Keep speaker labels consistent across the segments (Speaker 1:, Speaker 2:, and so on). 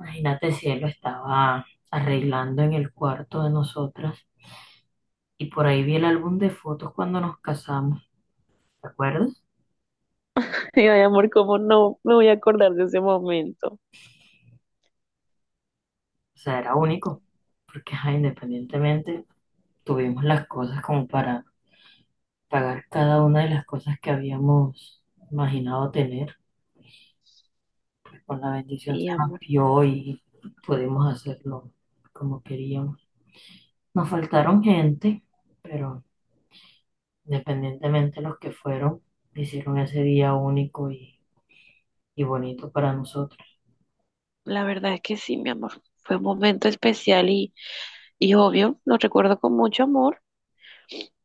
Speaker 1: Imagínate si él lo estaba arreglando en el cuarto de nosotras y por ahí vi el álbum de fotos cuando nos casamos, ¿te acuerdas?
Speaker 2: Y yo, ay, amor, ¿cómo no me voy a acordar de ese momento?
Speaker 1: O sea, era único, porque ajá, independientemente tuvimos las cosas como para pagar cada una de las cosas que habíamos imaginado tener, pues con la bendición se
Speaker 2: Sí,
Speaker 1: nos
Speaker 2: amor,
Speaker 1: dio y pudimos hacerlo como queríamos. Nos faltaron gente, pero independientemente, los que fueron hicieron ese día único y bonito para nosotros.
Speaker 2: la verdad es que sí, mi amor. Fue un momento especial y obvio, lo recuerdo con mucho amor.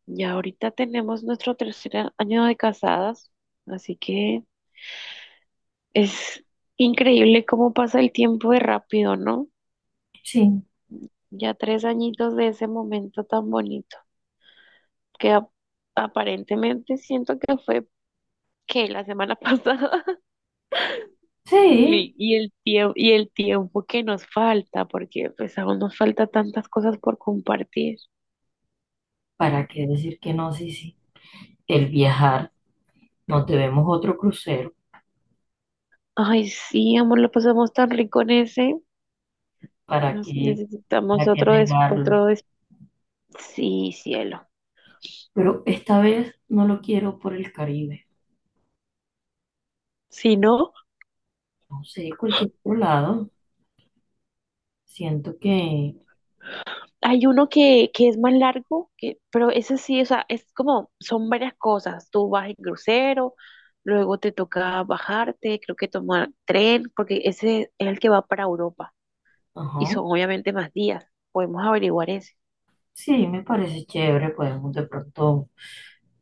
Speaker 2: Ya ahorita tenemos nuestro tercer año de casadas, así que es increíble cómo pasa el tiempo de rápido, ¿no?
Speaker 1: Sí,
Speaker 2: Ya tres añitos de ese momento tan bonito, que ap- aparentemente siento que fue que la semana pasada.
Speaker 1: sí,
Speaker 2: Y el tiempo, y el tiempo que nos falta, porque pues aún nos falta tantas cosas por compartir.
Speaker 1: ¿para qué decir que no? Sí, sí. El viajar, nos debemos otro crucero,
Speaker 2: Ay, sí, amor, lo pasamos tan rico en ese.
Speaker 1: ¿para
Speaker 2: Nos
Speaker 1: qué,
Speaker 2: necesitamos
Speaker 1: para qué negarlo?
Speaker 2: otro… Sí, cielo.
Speaker 1: Pero esta vez no lo quiero por el Caribe,
Speaker 2: Si no,
Speaker 1: no sé, cualquier otro lado. Siento que,
Speaker 2: hay uno que es más largo, que, pero ese sí, o sea, es como, son varias cosas. Tú vas en crucero, luego te toca bajarte, creo que tomar tren, porque ese es el que va para Europa. Y
Speaker 1: ajá,
Speaker 2: son obviamente más días. Podemos averiguar ese.
Speaker 1: sí, me parece chévere, podemos de pronto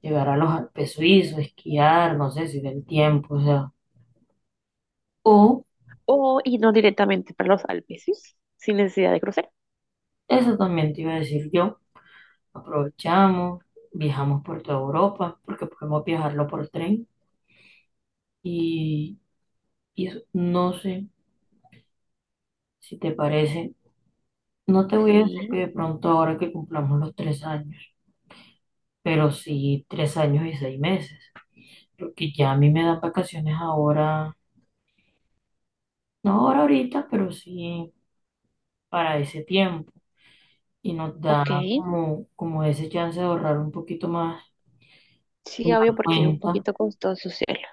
Speaker 1: llegar a los Alpes suizos, esquiar, no sé si del tiempo, o sea. O
Speaker 2: O irnos directamente para los Alpes, ¿sí? Sin necesidad de cruzar.
Speaker 1: Eso también te iba a decir yo. Aprovechamos, viajamos por toda Europa, porque podemos viajarlo por tren. Y, y eso, no sé si te parece, no te voy a decir que
Speaker 2: Sí.
Speaker 1: de pronto ahora que cumplamos los 3 años, pero sí 3 años y 6 meses, porque ya a mí me dan vacaciones ahora, no ahora ahorita, pero sí para ese tiempo. Y nos da
Speaker 2: Ok,
Speaker 1: como ese chance de ahorrar un poquito más
Speaker 2: sí,
Speaker 1: en
Speaker 2: obvio,
Speaker 1: la
Speaker 2: porque es un
Speaker 1: cuenta.
Speaker 2: poquito costoso, cielo.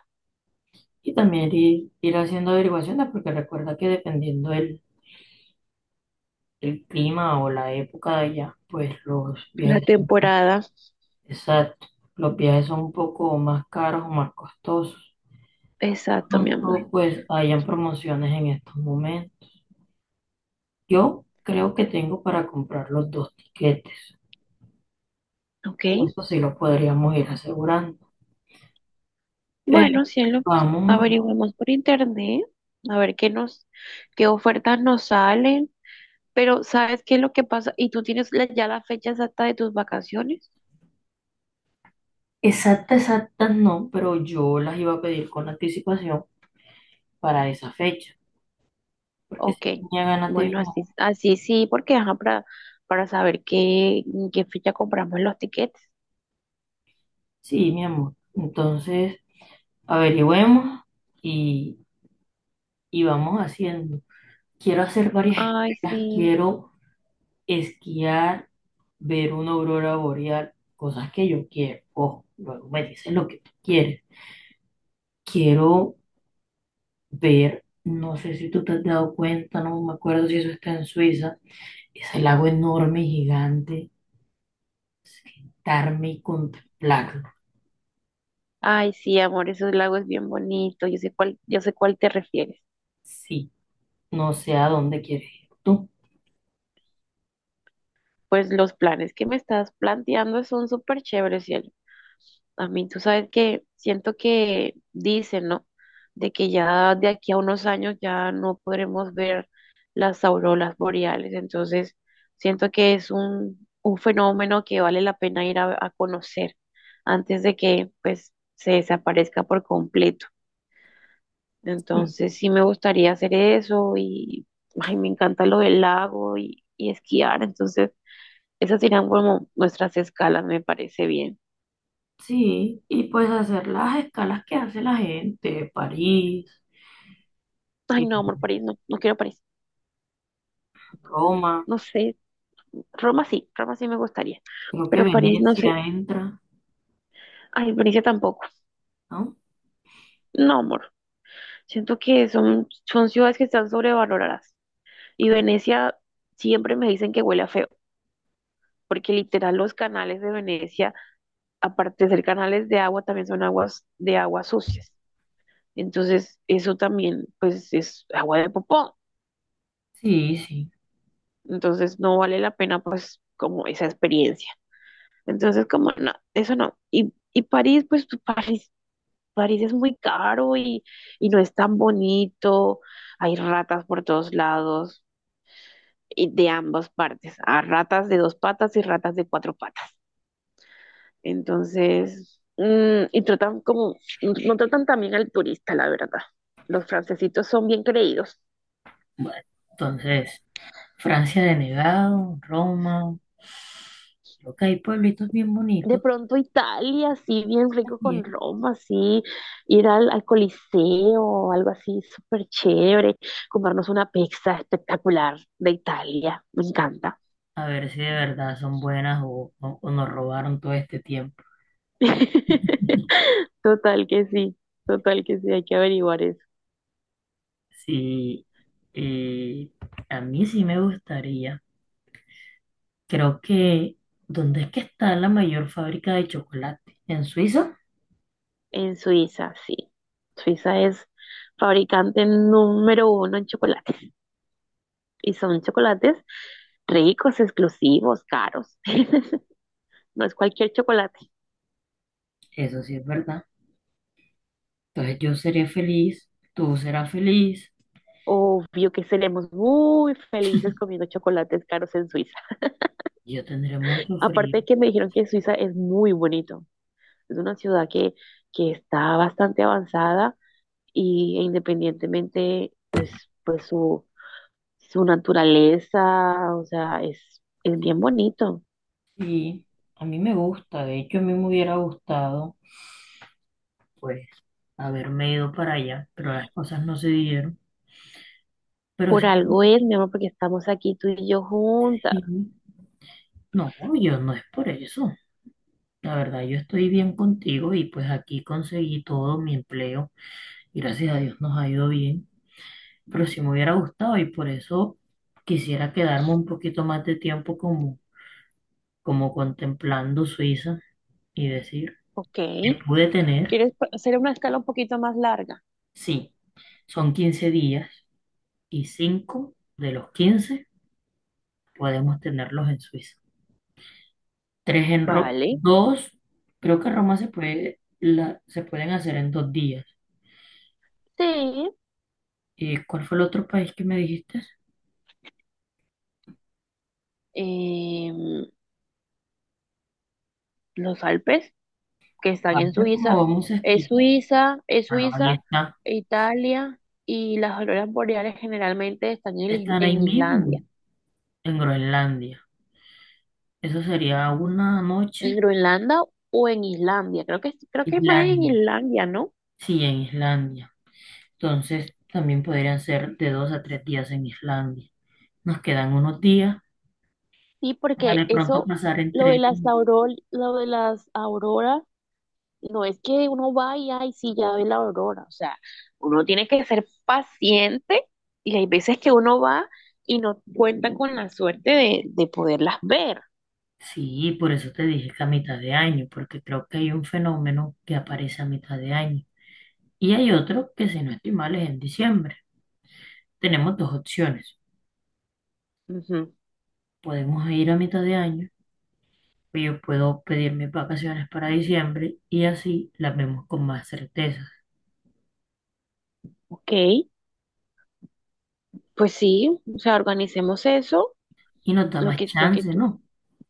Speaker 1: Y también ir haciendo averiguaciones, porque recuerda que dependiendo del clima o la época de allá, pues los
Speaker 2: La
Speaker 1: viajes,
Speaker 2: temporada,
Speaker 1: exacto, los viajes son un poco más caros o más costosos.
Speaker 2: exacto, mi amor.
Speaker 1: Cuando pues hayan promociones en estos momentos. Yo creo que tengo para comprar los dos tiquetes.
Speaker 2: Ok,
Speaker 1: Eso sí lo podríamos ir asegurando. Pero
Speaker 2: bueno, cielo,
Speaker 1: vamos.
Speaker 2: averiguamos por internet, a ver qué ofertas nos salen, pero ¿sabes qué es lo que pasa? ¿Y tú tienes ya la fecha exacta de tus vacaciones?
Speaker 1: Exactas, exactas no, pero yo las iba a pedir con anticipación para esa fecha, porque si
Speaker 2: Ok,
Speaker 1: tenía ganas de
Speaker 2: bueno,
Speaker 1: viajar.
Speaker 2: así, así sí, porque ajá, para saber qué, en qué fecha compramos los tiquetes.
Speaker 1: Sí, mi amor. Entonces, averigüemos y, y vamos haciendo. Quiero hacer varias
Speaker 2: Ay,
Speaker 1: escalas,
Speaker 2: sí.
Speaker 1: quiero esquiar, ver una aurora boreal, cosas que yo quiero. Ojo, luego me dices lo que tú quieres. Quiero ver, no sé si tú te has dado cuenta, no me acuerdo si eso está en Suiza, ese lago enorme y gigante, sentarme y contemplarlo.
Speaker 2: Ay, sí, amor, esos lagos es bien bonito. Yo sé cuál te refieres.
Speaker 1: Sí, no sé a dónde quieres ir tú.
Speaker 2: Pues los planes que me estás planteando son súper chéveres, cielo. A mí, tú sabes que siento que dicen, ¿no? De que ya de aquí a unos años ya no podremos ver las auroras boreales. Entonces, siento que es un fenómeno que vale la pena ir a conocer antes de que, pues, se desaparezca por completo.
Speaker 1: Sí.
Speaker 2: Entonces sí me gustaría hacer eso y ay, me encanta lo del lago y esquiar. Entonces esas serían como nuestras escalas, me parece bien.
Speaker 1: Sí, y pues hacer las escalas que hace la gente, París,
Speaker 2: Ay,
Speaker 1: y
Speaker 2: no, amor, París, no, no quiero París.
Speaker 1: Roma,
Speaker 2: No sé, Roma sí me gustaría,
Speaker 1: creo que
Speaker 2: pero París no
Speaker 1: Venecia
Speaker 2: sé.
Speaker 1: entra,
Speaker 2: Ay, Venecia tampoco.
Speaker 1: ¿no?
Speaker 2: No, amor, siento que son, son ciudades que están sobrevaloradas. Y Venecia siempre me dicen que huele a feo, porque literal los canales de Venecia, aparte de ser canales de agua, también son aguas de aguas sucias. Entonces, eso también, pues, es agua de popó.
Speaker 1: Sí, sí.
Speaker 2: Entonces, no vale la pena, pues, como esa experiencia. Entonces, como, no, eso no. Y París, pues, París, París es muy caro y no es tan bonito. Hay ratas por todos lados y de ambas partes. Hay ratas de dos patas y ratas de cuatro patas. Entonces, y tratan como, no tratan también al turista, la verdad. Los francesitos son bien creídos.
Speaker 1: Bueno, entonces, Francia denegado, Roma. Creo que hay pueblitos bien
Speaker 2: De
Speaker 1: bonitos
Speaker 2: pronto Italia, así bien rico con
Speaker 1: también.
Speaker 2: Roma, así ir al Coliseo, algo así súper chévere, comprarnos una pizza espectacular de Italia, me encanta.
Speaker 1: A ver si de verdad son buenas o nos robaron todo este tiempo.
Speaker 2: Total que sí, total que sí, hay que averiguar eso.
Speaker 1: Sí, eh, a mí sí me gustaría. Creo que, ¿dónde es que está la mayor fábrica de chocolate? ¿En Suiza?
Speaker 2: En Suiza, sí. Suiza es fabricante número 1 en chocolates y son chocolates ricos, exclusivos, caros. No es cualquier chocolate.
Speaker 1: Eso sí es verdad. Entonces yo seré feliz, tú serás feliz,
Speaker 2: Obvio que seremos muy felices comiendo chocolates caros en Suiza.
Speaker 1: yo tendré mucho
Speaker 2: Aparte
Speaker 1: frío.
Speaker 2: de que me dijeron que Suiza es muy bonito. Es una ciudad que está bastante avanzada y e independientemente es, pues su naturaleza, o sea, es bien bonito.
Speaker 1: Y a mí me gusta, de hecho a mí me hubiera gustado, pues, haberme ido para allá, pero las cosas no se dieron. Pero
Speaker 2: Por
Speaker 1: sí,
Speaker 2: algo
Speaker 1: me
Speaker 2: es, mi amor, porque estamos aquí tú y yo juntas.
Speaker 1: no, yo no es por eso. La verdad, yo estoy bien contigo y pues aquí conseguí todo mi empleo. Gracias a Dios nos ha ido bien. Pero sí me hubiera gustado y por eso quisiera quedarme un poquito más de tiempo como contemplando Suiza y decir,
Speaker 2: Ok.
Speaker 1: me pude tener,
Speaker 2: ¿Quieres hacer una escala un poquito más larga?
Speaker 1: sí, son 15 días y 5 de los 15 podemos tenerlos en Suiza. Tres en Roma,
Speaker 2: Vale.
Speaker 1: dos, creo que Roma se puede, se pueden hacer en 2 días.
Speaker 2: Sí.
Speaker 1: ¿Y cuál fue el otro país que me dijiste?
Speaker 2: Em, los Alpes que están en
Speaker 1: Ahorita como
Speaker 2: Suiza.
Speaker 1: vamos a esquiar,
Speaker 2: Es
Speaker 1: bueno, ahí
Speaker 2: Suiza,
Speaker 1: está,
Speaker 2: Italia y las auroras boreales generalmente están en,
Speaker 1: están ahí
Speaker 2: en
Speaker 1: mismo,
Speaker 2: Islandia,
Speaker 1: en Groenlandia. Eso sería una
Speaker 2: en
Speaker 1: noche.
Speaker 2: Groenlandia o en Islandia. Creo que es más en
Speaker 1: Islandia,
Speaker 2: Islandia, ¿no?
Speaker 1: sí, en Islandia. Entonces, también podrían ser de 2 a 3 días en Islandia. Nos quedan unos días
Speaker 2: Sí,
Speaker 1: para
Speaker 2: porque
Speaker 1: de pronto
Speaker 2: eso,
Speaker 1: pasar en tren.
Speaker 2: lo de las auroras, no es que uno vaya y sí ya ve la aurora. O sea, uno tiene que ser paciente y hay veces que uno va y no cuenta con la suerte de poderlas ver.
Speaker 1: Sí, por eso te dije que a mitad de año, porque creo que hay un fenómeno que aparece a mitad de año. Y hay otro que, si no estoy mal, es en diciembre. Tenemos dos opciones.
Speaker 2: Ujú,
Speaker 1: Podemos ir a mitad de año, o yo puedo pedir mis vacaciones para diciembre y así las vemos con más certeza.
Speaker 2: ok. Pues sí, o sea, organicemos eso,
Speaker 1: Y nos da más
Speaker 2: lo que
Speaker 1: chance,
Speaker 2: tú.
Speaker 1: ¿no?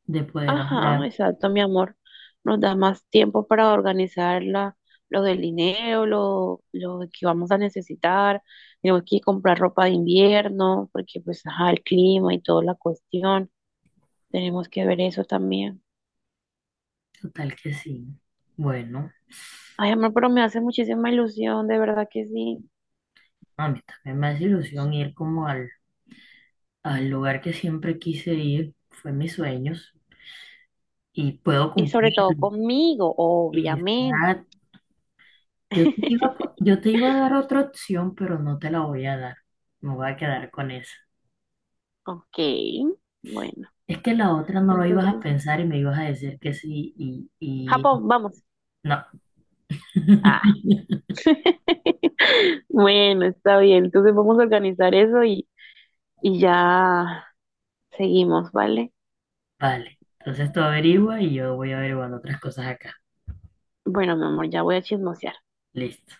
Speaker 1: De poder
Speaker 2: Ajá,
Speaker 1: ahorrar.
Speaker 2: exacto, mi amor. Nos da más tiempo para organizar lo del dinero, lo que vamos a necesitar. Tenemos que comprar ropa de invierno, porque pues, ajá, el clima y toda la cuestión. Tenemos que ver eso también.
Speaker 1: Total que sí. Bueno,
Speaker 2: Ay, amor, pero me hace muchísima ilusión, de verdad que sí.
Speaker 1: a mí también me hace ilusión ir como al lugar que siempre quise ir, fue mis sueños y puedo
Speaker 2: Y sobre todo
Speaker 1: cumplirlo.
Speaker 2: conmigo,
Speaker 1: Y
Speaker 2: obviamente.
Speaker 1: está- yo te iba, a po- yo te iba a dar otra opción, pero no te la voy a dar. Me voy a quedar con esa.
Speaker 2: Ok, bueno,
Speaker 1: Es que la otra no lo ibas a
Speaker 2: entonces,
Speaker 1: pensar y me ibas a decir que sí y
Speaker 2: Japón, vamos.
Speaker 1: no.
Speaker 2: Ah, Bueno, está bien. Entonces vamos a organizar eso y ya seguimos, ¿vale?
Speaker 1: Vale, entonces tú averigua y yo voy averiguando otras cosas acá.
Speaker 2: Bueno, mi amor, ya voy a chismosear.
Speaker 1: Listo.